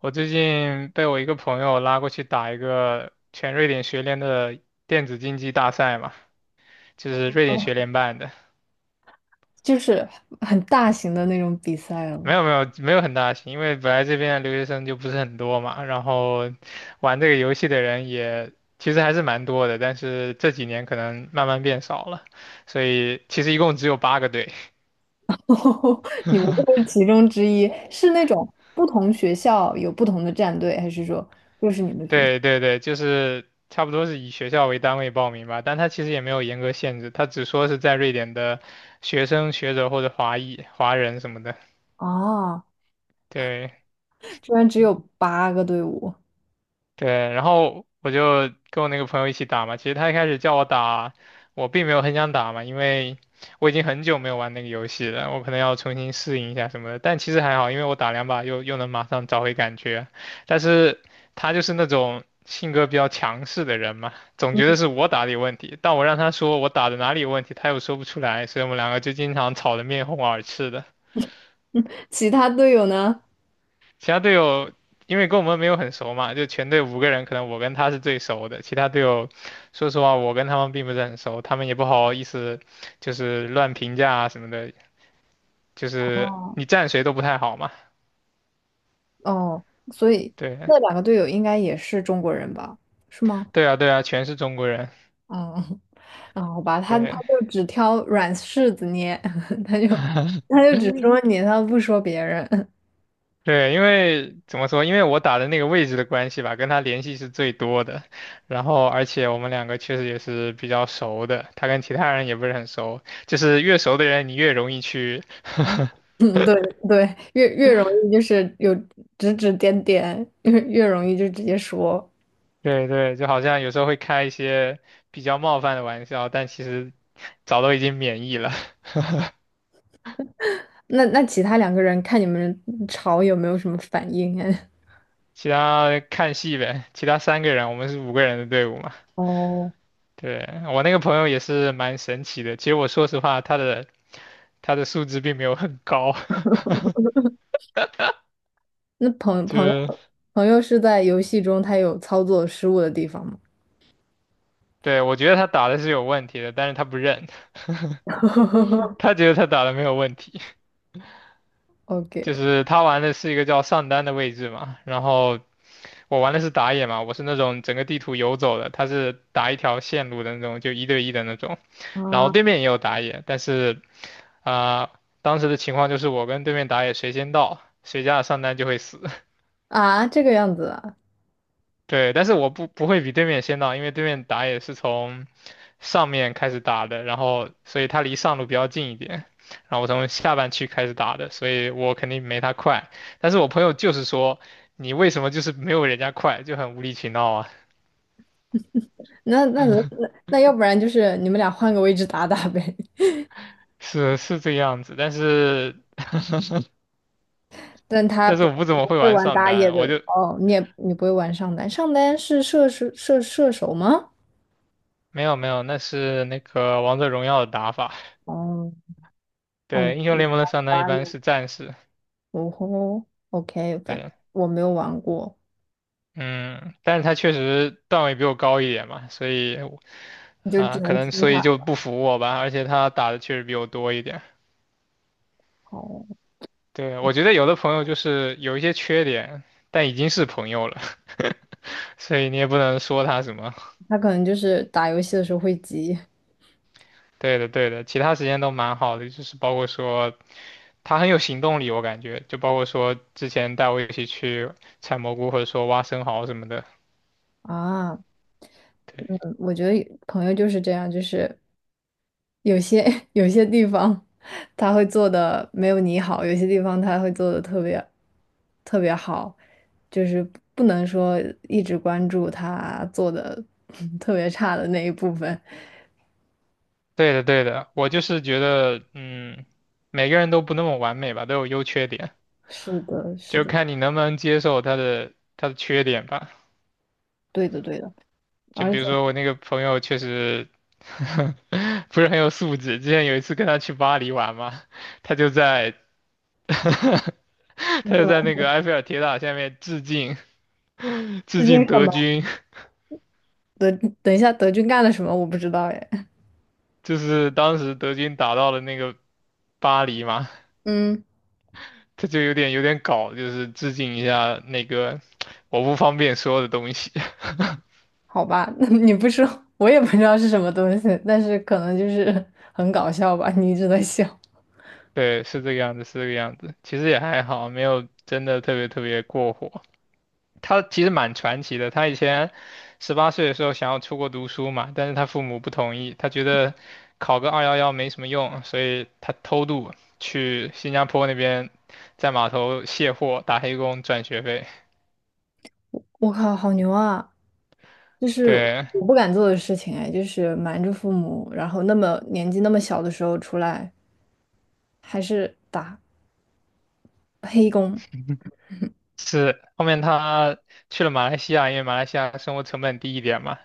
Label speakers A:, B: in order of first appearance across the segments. A: 我最近被我一个朋友拉过去打一个全瑞典学联的电子竞技大赛嘛，就是瑞典学
B: 哦，
A: 联办的。
B: 就是很大型的那种比赛
A: 没
B: 了。
A: 有没有没有很大型，因为本来这边的留学生就不是很多嘛，然后玩这个游戏的人也其实还是蛮多的，但是这几年可能慢慢变少了，所以其实一共只有8个队。
B: 你们这是其中之一，是那种不同学校有不同的战队，还是说就是你们学校？
A: 对对对，就是差不多是以学校为单位报名吧，但他其实也没有严格限制，他只说是在瑞典的学生、学者或者华裔、华人什么的。
B: 啊？
A: 对，
B: 居然只有八个队伍，
A: 对，然后我就跟我那个朋友一起打嘛。其实他一开始叫我打，我并没有很想打嘛，因为我已经很久没有玩那个游戏了，我可能要重新适应一下什么的。但其实还好，因为我打两把又能马上找回感觉。但是他就是那种性格比较强势的人嘛，总觉得是我打的有问题，但我让他说我打的哪里有问题，他又说不出来，所以我们两个就经常吵得面红耳赤的。
B: 其他队友呢？
A: 其他队友因为跟我们没有很熟嘛，就全队五个人，可能我跟他是最熟的。其他队友，说实话，我跟他们并不是很熟，他们也不好意思就是乱评价啊什么的，就是
B: 哦
A: 你站谁都不太好嘛。
B: 哦，所以
A: 对，
B: 那两个队友应该也是中国人吧？是吗？
A: 对啊，对啊，全是中国人。
B: 嗯，那好吧，他
A: 对，
B: 就只挑软柿子捏，他就他就只说你，他不说别人。
A: 对，因为怎么说，因为我打的那个位置的关系吧，跟他联系是最多的。然后，而且我们两个确实也是比较熟的，他跟其他人也不是很熟，就是越熟的人，你越容易去
B: 嗯，对对，越容易就是有指指点点，越容易就直接说。
A: 对对，就好像有时候会开一些比较冒犯的玩笑，但其实早都已经免疫了。
B: 那其他两个人看你们吵有没有什么反应哎？
A: 其他看戏呗，其他3个人，我们是五个人的队伍嘛。
B: 哦，
A: 对，我那个朋友也是蛮神奇的。其实我说实话，他的素质并没有很高，
B: 那 朋
A: 就
B: 朋友
A: 是
B: 朋友是在游戏中他有操作失误的地方吗
A: 对，我觉得他打的是有问题的，但是他不认，他觉得他打的没有问题。就
B: ？OK
A: 是他玩的是一个叫上单的位置嘛，然后我玩的是打野嘛，我是那种整个地图游走的，他是打一条线路的那种，就一对一的那种，然后
B: 啊，
A: 对面也有打野，但是啊、呃当时的情况就是我跟对面打野谁先到，谁家的上单就会死。
B: 啊，这个样子啊，
A: 对，但是我不会比对面先到，因为对面打野是从上面开始打的，然后所以他离上路比较近一点，然后我从下半区开始打的，所以我肯定没他快。但是我朋友就是说，你为什么就是没有人家快，就很无理取闹啊，
B: 那那那那要不然就是你们俩换个位置打打呗。
A: 是是这个样子。但是
B: 但他不
A: 我不怎么
B: 不
A: 会
B: 会
A: 玩
B: 玩
A: 上
B: 打野
A: 单，我
B: 的
A: 就
B: 哦，你也你不会玩上单，上单是射手吗？
A: 没有没有，那是那个王者荣耀的打法，
B: 哦哦，
A: 对，英雄
B: 你
A: 联盟的上单一
B: 玩
A: 般
B: 了
A: 是战士。
B: 哦吼，OK,反
A: 对。
B: 正我没有玩过，
A: 嗯，但是他确实段位比我高一点嘛，所以
B: 你就只
A: 啊，可
B: 能
A: 能
B: 听
A: 所以
B: 他
A: 就不服我吧，而且他打的确实比我多一点。
B: 它。哦，
A: 对，我觉得有的朋友就是有一些缺点，但已经是朋友了，所以你也不能说他什么。
B: 他可能就是打游戏的时候会急
A: 对的，对的，其他时间都蛮好的，就是包括说他很有行动力，我感觉，就包括说之前带我一起去采蘑菇或者说挖生蚝什么的。
B: 啊，
A: 对，
B: 嗯，我觉得朋友就是这样，就是有些 有些地方他会做的没有你好，有些地方他会做的特别特别好，就是不能说一直关注他做的 特别差的那一部分。
A: 对的，对的，我就是觉得，嗯，每个人都不那么完美吧，都有优缺点，
B: 是的，是
A: 就
B: 的，
A: 看你能不能接受他的缺点吧。
B: 对的，对的。
A: 就
B: 而
A: 比
B: 且
A: 如说我那个朋友确实 不是很有素质，之前有一次跟他去巴黎玩嘛，他就在 他
B: 那
A: 就
B: 个
A: 在那个埃菲尔铁塔下面致敬
B: 资
A: 致
B: 金
A: 敬
B: 什
A: 德
B: 么
A: 军，
B: 德，等一下德军干了什么我不知道哎。
A: 就是当时德军打到了那个巴黎嘛，
B: 嗯，
A: 他就有点搞，就是致敬一下那个我不方便说的东西。
B: 好吧，那你不说我也不知道是什么东西，但是可能就是 很搞笑吧，你一直在笑。
A: 对，是这个样子，是这个样子。其实也还好，没有真的特别特别过火。他其实蛮传奇的。他以前18岁的时候想要出国读书嘛，但是他父母不同意，他觉得考个211没什么用，所以他偷渡去新加坡那边，在码头卸货打黑工赚学费。
B: 我靠，好牛啊！就是
A: 对，
B: 我不敢做的事情哎，就是瞒着父母，然后那么年纪那么小的时候出来，还是打黑工。
A: 是，后面他去了马来西亚，因为马来西亚生活成本低一点嘛，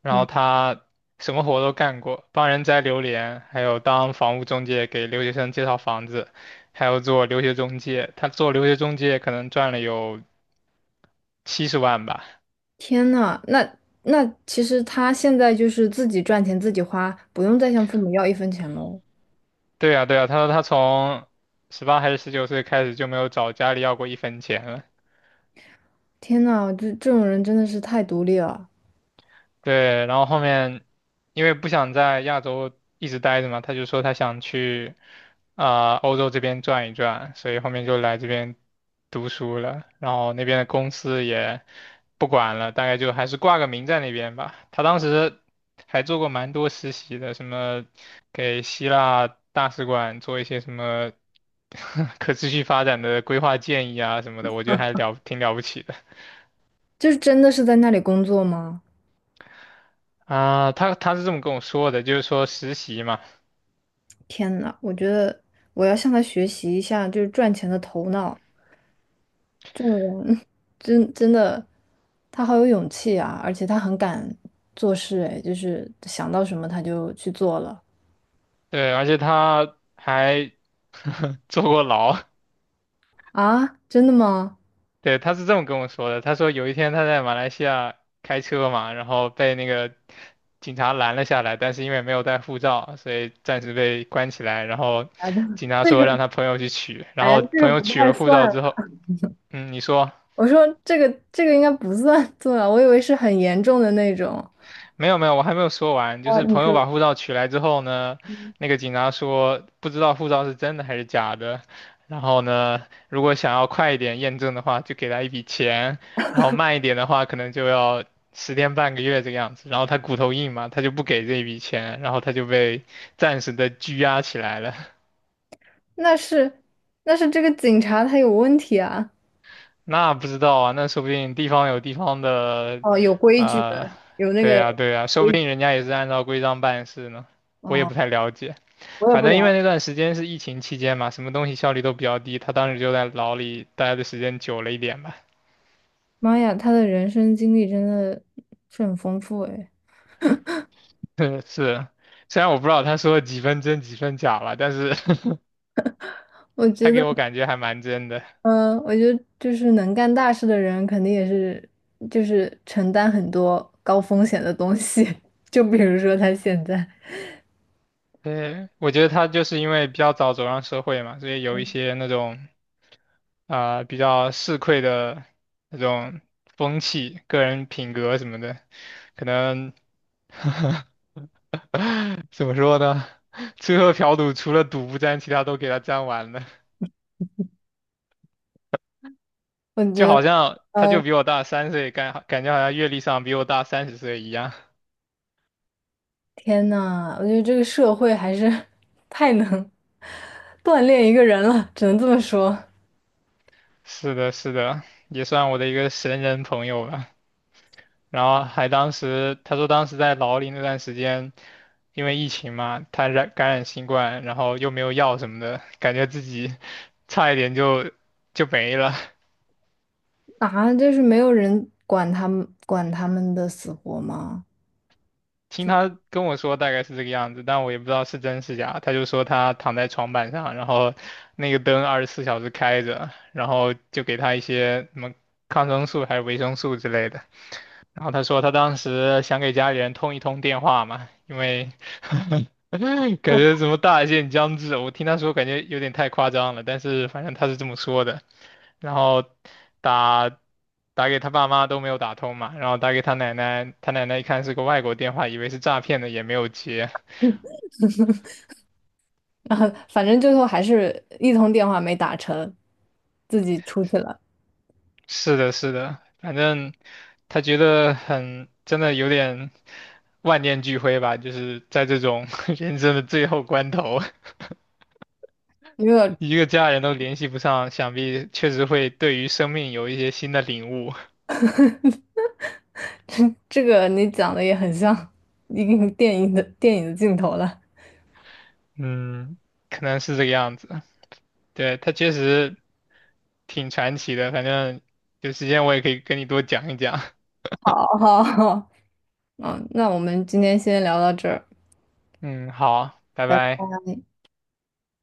A: 然
B: 嗯，
A: 后他什么活都干过，帮人摘榴莲，还有当房屋中介给留学生介绍房子，还有做留学中介。他做留学中介可能赚了有70万吧。
B: 天呐，那其实他现在就是自己赚钱自己花，不用再向父母要一分钱喽。
A: 对呀，对呀，他说他从18还是19岁开始就没有找家里要过一分钱了。
B: 天呐，这种人真的是太独立了，
A: 对，然后后面因为不想在亚洲一直待着嘛，他就说他想去欧洲这边转一转，所以后面就来这边读书了。然后那边的公司也不管了，大概就还是挂个名在那边吧。他当时还做过蛮多实习的，什么给希腊大使馆做一些什么 可持续发展的规划建议啊什么的，我觉得还了挺了不起的。
B: 就是真的是在那里工作吗？
A: 啊，他他是这么跟我说的，就是说实习嘛，
B: 天呐，我觉得我要向他学习一下，就是赚钱的头脑，真的，他好有勇气啊，而且他很敢做事，哎，就是想到什么他就去做了
A: 对，而且他还 坐过牢。
B: 啊，真的吗？
A: 对，他是这么跟我说的。他说有一天他在马来西亚开车嘛，然后被那个警察拦了下来，但是因为没有带护照，所以暂时被关起来。然后
B: 啊，这
A: 警察
B: 这个，
A: 说让他朋友去取，然
B: 哎呀，
A: 后
B: 这
A: 朋
B: 个
A: 友
B: 不
A: 取
B: 太
A: 了护照
B: 算。
A: 之后，嗯，你说。
B: 我说这个应该不算做啊，我以为是很严重的那种。
A: 没有没有，我还没有说完。就
B: 哦，
A: 是
B: 你
A: 朋
B: 说
A: 友把护照取来之后呢，那个警察说不知道护照是真的还是假的。然后呢，如果想要快一点验证的话，就给他一笔钱；然后慢一点的话，可能就要10天半个月这个样子。然后他骨头硬嘛，他就不给这一笔钱，然后他就被暂时的拘押起来了。
B: 那是那是这个警察他有问题啊。
A: 那不知道啊，那说不定地方有地方的，
B: 哦，有规矩
A: 呃，
B: 的，有那
A: 对
B: 个
A: 呀对呀，说不
B: 规，
A: 定人家也是按照规章办事呢，我也
B: 哦，
A: 不太了解。
B: 我也
A: 反
B: 不了
A: 正因为
B: 解
A: 那段时间是疫情期间嘛，什么东西效率都比较低，他当时就在牢里待的时间久了一点吧。
B: 妈呀，他的人生经历真的是很丰富诶。
A: 是，虽然我不知道他说了几分真几分假了，但是
B: 我
A: 他
B: 觉得，
A: 给我感觉还蛮真的。
B: 嗯，我觉得就是能干大事的人，肯定也是就是承担很多高风险的东西。就比如说他现在，
A: 对，我觉得他就是因为比较早走上社会嘛，所以有一些那种比较市侩的那种风气、个人品格什么的，可能 怎么说呢？吃喝嫖赌除了赌不沾，其他都给他沾完了。
B: 我觉
A: 就
B: 得，
A: 好像他就
B: 嗯，
A: 比我大3岁，感觉好像阅历上比我大30岁一样。
B: 天呐，我觉得这个社会还是 太能锻炼一个人了，只能这么说
A: 是的，是的，也算我的一个神人朋友吧。然后还当时他说当时在牢里那段时间，因为疫情嘛，他感染新冠，然后又没有药什么的，感觉自己 差一点就没了。
B: 啊，就是没有人管他们的死活吗？
A: 听他跟我说大概是这个样子，但我也不知道是真是假。他就说他躺在床板上，然后那个灯24小时开着，然后就给他一些什么抗生素还是维生素之类的。然后他说他当时想给家里人通一通电话嘛，因为 感觉什么大限将至，我听他说感觉有点太夸张了，但是反正他是这么说的。然后打打给他爸妈都没有打通嘛，然后打给他奶奶，他奶奶一看是个外国电话，以为是诈骗的，也没有接。
B: 反正最后还是一通电话没打成，自己出去了。
A: 是的，是的，反正他觉得很，真的有点万念俱灰吧，就是在这种 人生的最后关头。
B: 因为 我
A: 一个家人都联系不上，想必确实会对于生命有一些新的领悟。
B: 这个你讲的也很像一个 电影的镜头了。
A: 嗯，可能是这个样子。对，他确实挺传奇的，反正有时间我也可以跟你多讲一讲。
B: 好好好，嗯，那我们今天先聊到这儿，
A: 嗯，好，拜
B: 拜拜。
A: 拜。